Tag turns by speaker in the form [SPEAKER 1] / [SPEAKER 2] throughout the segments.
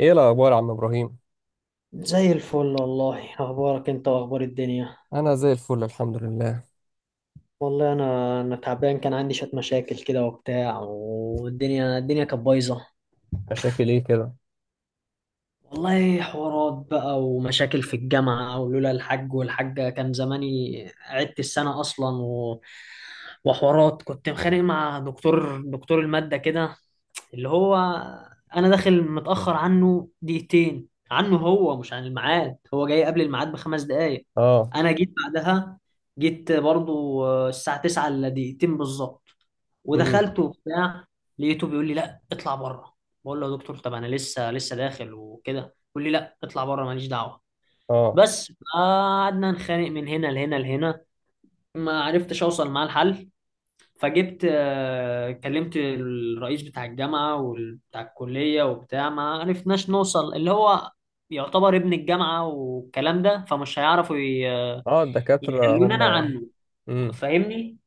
[SPEAKER 1] ايه الاخبار يا عم ابراهيم؟
[SPEAKER 2] زي الفل والله، اخبارك انت واخبار الدنيا؟
[SPEAKER 1] انا زي الفل الحمد لله.
[SPEAKER 2] والله انا تعبان، كان عندي شويه مشاكل كده وبتاع، والدنيا كانت بايظه.
[SPEAKER 1] مشاكل ايه كده؟
[SPEAKER 2] والله حوارات بقى ومشاكل في الجامعه، ولولا الحاج والحاجه كان زماني عدت السنه اصلا وحوارات، كنت مخانق مع دكتور الماده كده، اللي هو انا داخل متأخر عنه دقيقتين، عنه هو مش عن الميعاد، هو جاي قبل الميعاد بخمس دقايق.
[SPEAKER 1] اه.
[SPEAKER 2] انا جيت بعدها، جيت برضو الساعة 9 الا دقيقتين بالظبط،
[SPEAKER 1] امم.
[SPEAKER 2] ودخلت وبتاع. لقيته بيقول لي لا اطلع بره، بقول له يا دكتور طب انا لسه داخل وكده، بيقول لي لا اطلع بره ماليش دعوة.
[SPEAKER 1] اه.
[SPEAKER 2] بس قعدنا نخانق من هنا لهنا، ما عرفتش اوصل معاه الحل. فجبت كلمت الرئيس بتاع الجامعة وبتاع الكلية وبتاع، ما عرفناش نوصل، اللي هو يعتبر ابن الجامعة والكلام ده، فمش هيعرفوا
[SPEAKER 1] اه الدكاتره
[SPEAKER 2] يخلوني
[SPEAKER 1] هم.
[SPEAKER 2] أنا عنه،
[SPEAKER 1] امم.
[SPEAKER 2] فاهمني.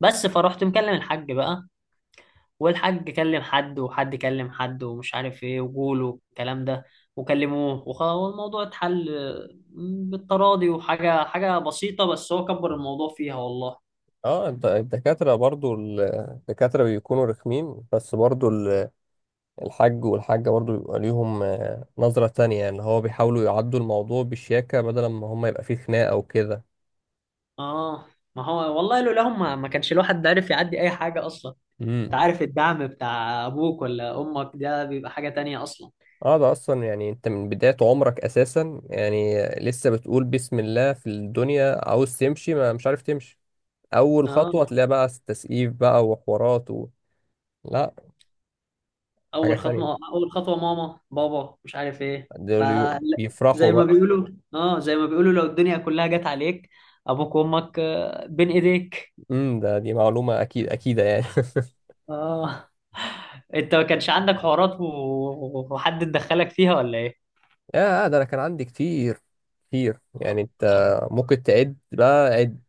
[SPEAKER 2] بس فروحت مكلم الحاج بقى، والحاج كلم حد، وحد كلم حد، ومش عارف ايه، وجوله الكلام ده وكلموه والموضوع اتحل، بالتراضي، وحاجة بسيطة بس هو كبر الموضوع فيها والله.
[SPEAKER 1] اه الدكاتره برضو الدكاتره بيكونوا رخمين بس برضو. الحاج والحاجه برضو بيبقى ليهم نظره تانية اللي هو بيحاولوا يعدوا الموضوع بشياكه بدل ما هم يبقى فيه خناقه وكده.
[SPEAKER 2] اه. ما هو والله لولاهم ما كانش الواحد عارف يعدي اي حاجه اصلا. انت
[SPEAKER 1] امم.
[SPEAKER 2] عارف الدعم بتاع ابوك ولا امك ده بيبقى حاجه تانية اصلا.
[SPEAKER 1] اه ده اصلا يعني انت من بداية عمرك اساسا يعني لسه بتقول بسم الله في الدنيا عاوز تمشي ما مش عارف تمشي. اول خطوه
[SPEAKER 2] اه.
[SPEAKER 1] تلاقي بقى تسقيف بقى وحوارات. لا حاجه
[SPEAKER 2] اول
[SPEAKER 1] ثانيه.
[SPEAKER 2] خطوه اول خطوه ماما بابا مش عارف ايه ف
[SPEAKER 1] دول بيفرحوا
[SPEAKER 2] زي ما
[SPEAKER 1] بقى.
[SPEAKER 2] بيقولوا. اه، زي ما بيقولوا لو الدنيا كلها جت عليك، ابوك وامك بين ايديك.
[SPEAKER 1] ده معلومه اكيد اكيده يعني.
[SPEAKER 2] اه. انت ما كانش عندك حوارات وحد دخلك فيها ولا ايه؟
[SPEAKER 1] يا ده انا كان عندي كتير كتير
[SPEAKER 2] آه.
[SPEAKER 1] يعني انت. ممكن تعد بقى عد.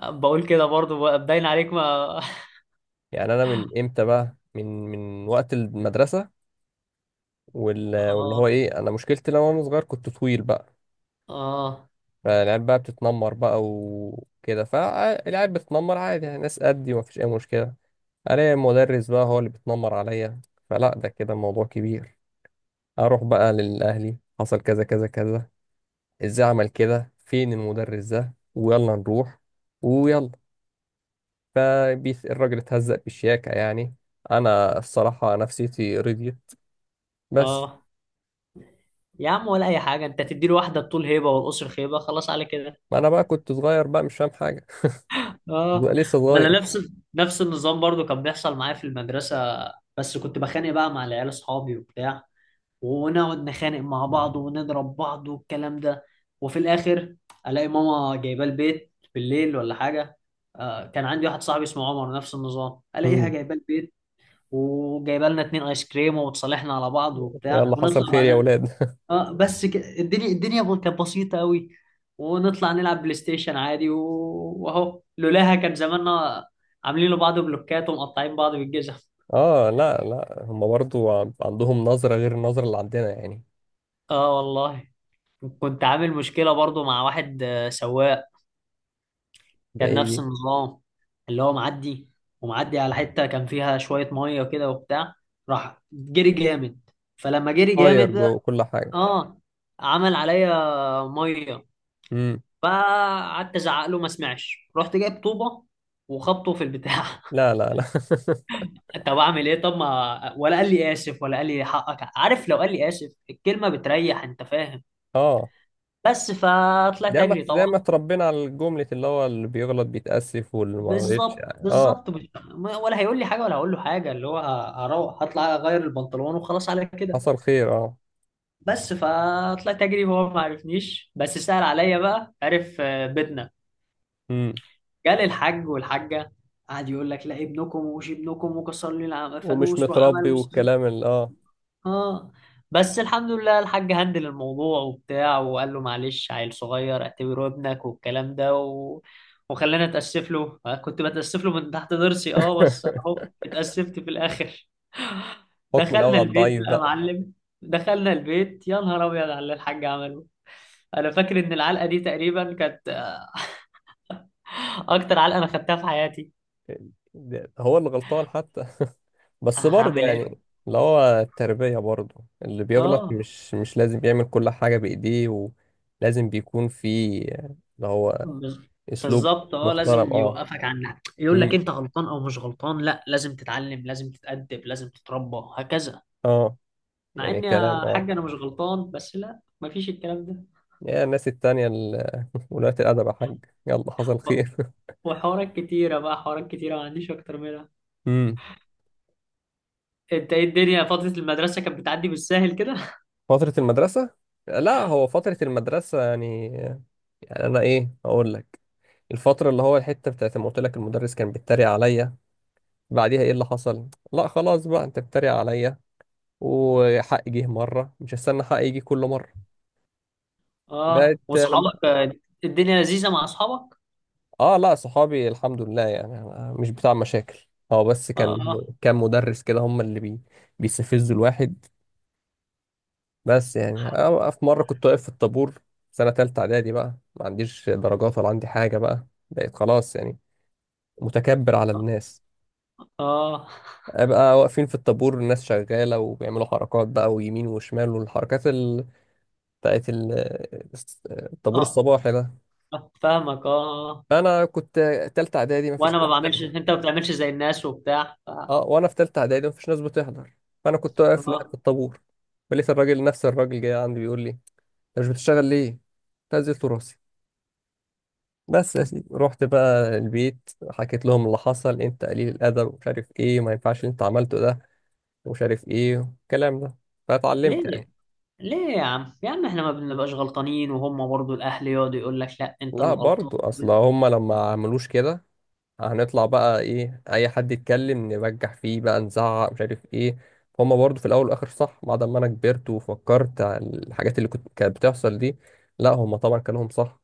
[SPEAKER 2] آه. بقول كده برضو باين عليك. ما
[SPEAKER 1] يعني انا من امتى بقى من وقت المدرسه واللي هو
[SPEAKER 2] اه.
[SPEAKER 1] ايه انا مشكلتي لما انا صغير كنت طويل بقى.
[SPEAKER 2] اه.
[SPEAKER 1] فالعيال بقى بتتنمر بقى وكده فالعيال بتتنمر عادي يعني ناس قدي ومفيش اي مشكله. الاقي المدرس بقى هو اللي بيتنمر عليا. فلا ده كده موضوع كبير. اروح بقى للاهلي حصل كذا كذا كذا. ازاي عمل كده فين المدرس ده ويلا نروح ويلا. فالراجل اتهزق بالشياكة يعني. انا الصراحة نفسيتي رضيت بس.
[SPEAKER 2] اه يا عم، ولا اي حاجه، انت تديله واحده، الطول هيبه والقصر خيبه، خلاص على كده.
[SPEAKER 1] ما انا بقى كنت صغير بقى مش فاهم حاجة.
[SPEAKER 2] اه،
[SPEAKER 1] لسه
[SPEAKER 2] ما انا
[SPEAKER 1] صغير.
[SPEAKER 2] نفس نفس النظام برضو كان بيحصل معايا في المدرسه، بس كنت بخانق بقى مع العيال اصحابي وبتاع، ونقعد نخانق مع بعض ونضرب بعض والكلام ده، وفي الاخر الاقي ماما جايباه البيت بالليل ولا حاجه. آه، كان عندي واحد صاحبي اسمه عمر، نفس النظام، الاقيها
[SPEAKER 1] مم.
[SPEAKER 2] جايباه البيت وجايبه لنا اتنين ايس كريم، وتصالحنا على بعض وبتاع
[SPEAKER 1] يلا حصل
[SPEAKER 2] ونطلع
[SPEAKER 1] خير يا
[SPEAKER 2] بعدها.
[SPEAKER 1] ولاد
[SPEAKER 2] اه بس الدنيا كانت بسيطة قوي، ونطلع نلعب بلاي ستيشن عادي واهو لولاها كان زماننا عاملين لبعض بلوكات ومقطعين بعض بالجزم.
[SPEAKER 1] اه لا لا هم برضو عندهم نظرة غير النظرة اللي عندنا يعني.
[SPEAKER 2] اه والله. كنت عامل مشكلة برضو مع واحد سواق،
[SPEAKER 1] ده
[SPEAKER 2] كان
[SPEAKER 1] ايه
[SPEAKER 2] نفس
[SPEAKER 1] دي؟
[SPEAKER 2] النظام، اللي هو معدي، ومعدي على حتة كان فيها شوية مية كده وبتاع، راح جري جامد. فلما جري
[SPEAKER 1] طاير
[SPEAKER 2] جامد ده،
[SPEAKER 1] جوه كل حاجة.
[SPEAKER 2] اه، عمل عليا مية.
[SPEAKER 1] مم.
[SPEAKER 2] فقعدت ازعق له ما سمعش، رحت جايب طوبه وخبطه في البتاع.
[SPEAKER 1] لا لا لا.
[SPEAKER 2] طب اعمل ايه؟ طب ما ولا قال لي اسف ولا قال لي حقك، عارف لو قال لي اسف الكلمه بتريح، انت فاهم.
[SPEAKER 1] اه
[SPEAKER 2] بس
[SPEAKER 1] زي
[SPEAKER 2] فطلعت
[SPEAKER 1] ما
[SPEAKER 2] اجري
[SPEAKER 1] زي
[SPEAKER 2] طبعا.
[SPEAKER 1] ما اتربينا على الجملة اللي هو اللي بيغلط بيتأسف واللي ما غلطش
[SPEAKER 2] بالظبط
[SPEAKER 1] يعني اه.
[SPEAKER 2] بالظبط. ولا هيقول لي حاجه ولا هقول له حاجه، اللي هو هروح هطلع اغير البنطلون وخلاص على كده.
[SPEAKER 1] حصل خير اه.
[SPEAKER 2] بس فطلعت اجري وهو ما عرفنيش، بس سأل عليا بقى، عرف بيتنا.
[SPEAKER 1] امم.
[SPEAKER 2] جالي الحاج والحاجه، قعد يقول لك لا ابنكم ومش ابنكم وكسر لي
[SPEAKER 1] ومش
[SPEAKER 2] فانوس وعمل
[SPEAKER 1] متربي
[SPEAKER 2] وسوي.
[SPEAKER 1] والكلام اللي اه.
[SPEAKER 2] اه. بس الحمد لله الحاج هندل الموضوع وبتاع، وقال له معلش عيل صغير اعتبره ابنك والكلام ده وخلاني اتاسف له. كنت بتاسف له من تحت ضرسي، اه، بس اهو اتاسفت في الاخر.
[SPEAKER 1] حكم الأول
[SPEAKER 2] دخلنا
[SPEAKER 1] على
[SPEAKER 2] البيت
[SPEAKER 1] الضعيف
[SPEAKER 2] بقى يا
[SPEAKER 1] بقى.
[SPEAKER 2] معلم. دخلنا البيت يا نهار ابيض على اللي الحاج عمله. انا فاكر ان العلقه دي تقريبا كانت اكتر علقه انا خدتها في حياتي.
[SPEAKER 1] هو اللي غلطان حتى بس برضه
[SPEAKER 2] هعمل ايه.
[SPEAKER 1] يعني. اللي هو التربية برضه اللي بيغلط
[SPEAKER 2] اه.
[SPEAKER 1] مش لازم يعمل كل حاجة بإيديه. ولازم بيكون في اللي هو
[SPEAKER 2] بز-
[SPEAKER 1] أسلوب
[SPEAKER 2] بالظبط، اه،
[SPEAKER 1] محترم
[SPEAKER 2] لازم
[SPEAKER 1] اه.
[SPEAKER 2] يوقفك، عن يقول لك
[SPEAKER 1] امم.
[SPEAKER 2] انت غلطان او مش غلطان، لا لازم تتعلم لازم تتأدب لازم تتربى، هكذا.
[SPEAKER 1] اه.
[SPEAKER 2] مع
[SPEAKER 1] يعني
[SPEAKER 2] ان
[SPEAKER 1] كلام
[SPEAKER 2] يا
[SPEAKER 1] اه.
[SPEAKER 2] حاج انا مش غلطان، بس لا مفيش الكلام ده.
[SPEAKER 1] يا الناس التانية ولاة الأدب يا حاج. يلا حصل
[SPEAKER 2] و-
[SPEAKER 1] خير
[SPEAKER 2] وحوارات كتيرة بقى، حوارات كتيرة ما عنديش اكتر منها.
[SPEAKER 1] امم.
[SPEAKER 2] انت ايه، الدنيا فترة المدرسة كانت بتعدي بالساهل كده؟
[SPEAKER 1] فترة المدرسة؟ لا هو فترة المدرسة يعني. يعني أنا إيه أقول لك؟ الفترة اللي هو الحتة بتاعت ما قلت لك المدرس كان بيتريق عليا. بعديها إيه اللي حصل؟ لا خلاص بقى أنت بتتريق عليا. وحقي جه مرة مش هستنى حقي يجي كل مرة.
[SPEAKER 2] اه،
[SPEAKER 1] بقت لما.
[SPEAKER 2] واصحابك الدنيا لذيذة مع اصحابك.
[SPEAKER 1] آه لا صحابي الحمد لله يعني أنا مش بتاع مشاكل. هو بس
[SPEAKER 2] اه.
[SPEAKER 1] كان مدرس كده هم اللي. بيستفزوا الواحد. بس يعني أنا في مرة كنت واقف في الطابور. سنة تالتة إعدادي بقى ما عنديش درجات ولا عندي حاجة بقى بقيت خلاص يعني متكبر على الناس.
[SPEAKER 2] اه.
[SPEAKER 1] أبقى واقفين في الطابور الناس شغالة وبيعملوا حركات بقى ويمين وشمال بتاعت ال... الطابور
[SPEAKER 2] اه.
[SPEAKER 1] الصباحي ده.
[SPEAKER 2] آه، فاهمك، اه. آه.
[SPEAKER 1] أنا كنت تالتة إعدادي مفيش
[SPEAKER 2] وانا
[SPEAKER 1] ناس
[SPEAKER 2] ما بعملش،
[SPEAKER 1] بتحضر.
[SPEAKER 2] انت ما بتعملش زي الناس وبتاع ف...
[SPEAKER 1] أه وأنا في تالتة إعدادي مفيش ناس بتحضر. فأنا كنت واقف لوحدي
[SPEAKER 2] اه.
[SPEAKER 1] في الطابور. فلقيت الراجل نفس الراجل جاي عندي بيقول لي أنت مش بتشتغل ليه؟ نزلت راسي. بس يا سيدي رحت بقى البيت حكيت لهم اللي حصل انت قليل القدر ومش عارف ايه ما ينفعش اللي انت عملته ده ومش عارف ايه والكلام ده. فاتعلمت
[SPEAKER 2] ليه
[SPEAKER 1] يعني.
[SPEAKER 2] ليه يا عم، يا عم احنا ما بنبقاش غلطانين، وهم برضو الاهل يقعدوا يقول لك لا انت
[SPEAKER 1] لا
[SPEAKER 2] اللي غلطان.
[SPEAKER 1] برضو اصل هما لما عملوش كده هنطلع بقى ايه اي حد يتكلم نبجح فيه بقى نزعق مش عارف ايه. هما برضو في الاول والاخر صح بعد ما انا كبرت وفكرت على الحاجات اللي كانت بتحصل دي. لا هما طبعا كانوا هم صح.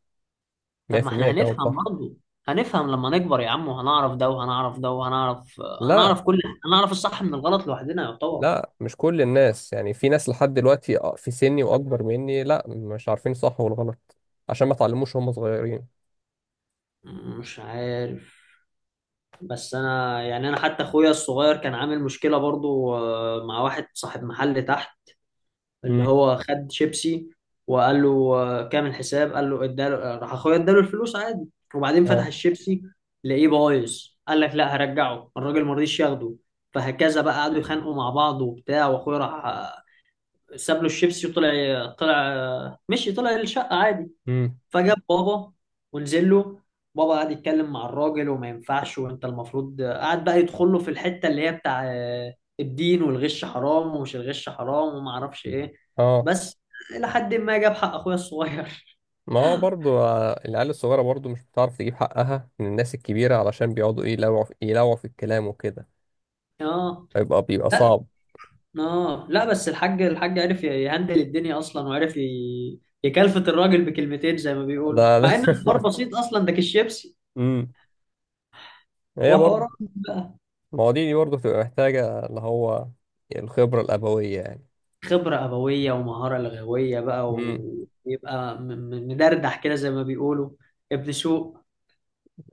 [SPEAKER 2] طب ما احنا
[SPEAKER 1] 100%. كانوا هم
[SPEAKER 2] هنفهم
[SPEAKER 1] صح.
[SPEAKER 2] برضو، هنفهم لما نكبر يا عم، وهنعرف ده وهنعرف ده وهنعرف،
[SPEAKER 1] لا
[SPEAKER 2] هنعرف كل، هنعرف الصح من الغلط لوحدنا يعتبر.
[SPEAKER 1] لا مش كل الناس يعني في ناس لحد دلوقتي في سني واكبر مني لا مش عارفين صح والغلط. عشان ما اتعلموش وهم صغيرين.
[SPEAKER 2] مش عارف. بس انا يعني انا حتى اخويا الصغير كان عامل مشكلة برضو، مع واحد صاحب محل تحت، اللي
[SPEAKER 1] امم.
[SPEAKER 2] هو خد شيبسي وقال له كام الحساب، قال له، اداله، راح اخويا اداله الفلوس عادي، وبعدين فتح
[SPEAKER 1] اه.
[SPEAKER 2] الشيبسي لقيه بايظ، قال لك لا هرجعه، الراجل ما رضيش ياخده. فهكذا بقى قعدوا يخانقوا مع بعض وبتاع، واخويا راح ساب له الشيبسي وطلع. طلع مشي، طلع الشقة عادي.
[SPEAKER 1] امم.
[SPEAKER 2] فجاب بابا ونزل له، بابا قعد يتكلم مع الراجل وما ينفعش وانت المفروض، قعد بقى يدخل له في الحتة اللي هي بتاع الدين والغش حرام، ومش الغش حرام وما اعرفش ايه.
[SPEAKER 1] اه.
[SPEAKER 2] بس الى حد ما جاب حق اخويا الصغير.
[SPEAKER 1] ما هو برضو العيال الصغيرة برضو مش بتعرف تجيب حقها من الناس الكبيرة علشان بيقعدوا ايه يلوعوا في الكلام وكده.
[SPEAKER 2] اه.
[SPEAKER 1] فيبقى بيبقى صعب.
[SPEAKER 2] اه لا بس الحاج، الحاج عرف يهندل الدنيا اصلا، وعرف يكلفت الراجل بكلمتين زي ما
[SPEAKER 1] ده
[SPEAKER 2] بيقولوا،
[SPEAKER 1] ده
[SPEAKER 2] مع ان الحوار بسيط اصلا، ده كيس شيبسي
[SPEAKER 1] امم. هي برضو.
[SPEAKER 2] وحوار.
[SPEAKER 1] ما هو دي برضو بتبقى محتاجة اللي هو الخبرة الأبوية يعني.
[SPEAKER 2] خبرة أبوية ومهارة لغوية بقى،
[SPEAKER 1] مم.
[SPEAKER 2] ويبقى مدردح كده زي ما بيقولوا، ابن سوق.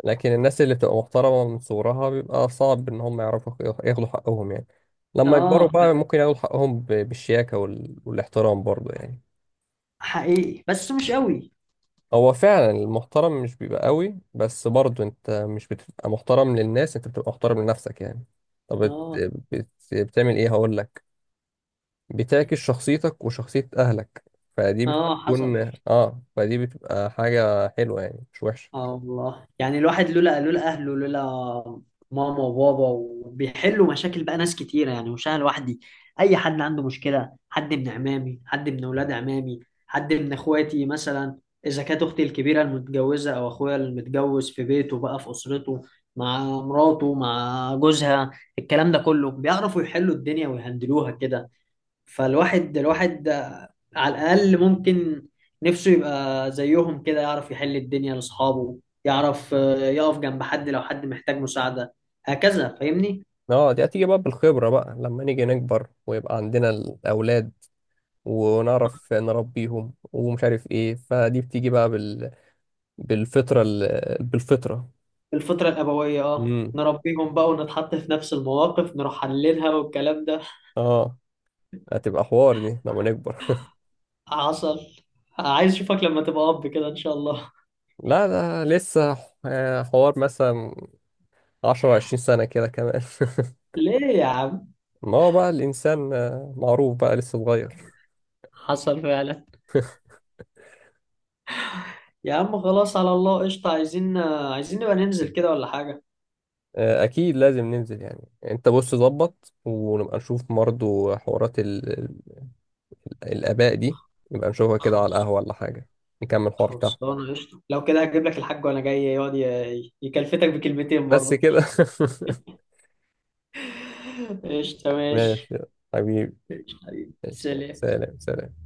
[SPEAKER 1] لكن الناس اللي بتبقى محترمة من صغرها بيبقى صعب إن هم يعرفوا ياخدوا حقهم يعني. لما يكبروا
[SPEAKER 2] اه
[SPEAKER 1] بقى ممكن ياخدوا حقهم بالشياكة والاحترام برضه يعني.
[SPEAKER 2] حقيقي، بس مش قوي.
[SPEAKER 1] هو فعلا المحترم مش بيبقى قوي بس برضه أنت مش بتبقى محترم للناس أنت بتبقى محترم لنفسك يعني. طب
[SPEAKER 2] اه.
[SPEAKER 1] بتعمل إيه هقول لك؟ بتعكس شخصيتك وشخصية أهلك. فدي
[SPEAKER 2] اه حصل.
[SPEAKER 1] بتكون آه فدي بتبقى حاجة حلوة يعني مش وحشة.
[SPEAKER 2] اه والله، يعني الواحد لولا لولا اهله، لولا ماما وبابا، وبيحلوا مشاكل بقى، ناس كتيره يعني مش انا لوحدي، اي حد عنده مشكله، حد من عمامي، حد من اولاد عمامي، حد من اخواتي مثلا، اذا كانت اختي الكبيره المتجوزه او اخويا المتجوز في بيته بقى، في اسرته، مع مراته، مع جوزها، الكلام ده كله بيعرفوا يحلوا الدنيا ويهندلوها كده. فالواحد على الأقل ممكن نفسه يبقى زيهم كده، يعرف يحل الدنيا لأصحابه، يعرف، يقف جنب حد لو حد محتاج مساعدة، هكذا، فاهمني.
[SPEAKER 1] اه دي هتيجي بقى بالخبرة بقى لما نيجي نكبر ويبقى عندنا الأولاد ونعرف نربيهم ومش عارف ايه فدي بتيجي بقى بالفطرة بالفطرة.
[SPEAKER 2] الفطرة الأبوية، اه،
[SPEAKER 1] امم.
[SPEAKER 2] نربيهم بقى ونتحط في نفس المواقف نروح حللها والكلام ده.
[SPEAKER 1] اه. هتبقى حوار دي لما نكبر
[SPEAKER 2] حصل. عايز اشوفك لما تبقى اب كده ان شاء الله.
[SPEAKER 1] لا ده لسه حوار مثلا عشرة عشرين سنة كده كمان
[SPEAKER 2] ليه يا عم.
[SPEAKER 1] ما هو بقى الإنسان معروف بقى لسه صغير.
[SPEAKER 2] حصل فعلا. يا عم خلاص، على الله. قشطة، عايزين، عايزين نبقى ننزل كده ولا حاجة.
[SPEAKER 1] آه، أكيد لازم ننزل يعني أنت بص ظبط ونبقى نشوف برضه الآباء دي. نبقى نشوفها كده على
[SPEAKER 2] خلاص.
[SPEAKER 1] القهوة ولا حاجة. نكمل الحوار تحت.
[SPEAKER 2] خلصانة، قشطة، لو كده هجيب لك الحاج وأنا جاي يقعد يكلفتك بكلمتين
[SPEAKER 1] بس
[SPEAKER 2] برضه.
[SPEAKER 1] كده
[SPEAKER 2] قشطة
[SPEAKER 1] ماشي
[SPEAKER 2] ماشي.
[SPEAKER 1] يلا. حبيبي.
[SPEAKER 2] قشطة حبيبي
[SPEAKER 1] ماشي يلا.
[SPEAKER 2] سلام.
[SPEAKER 1] سلام سلام.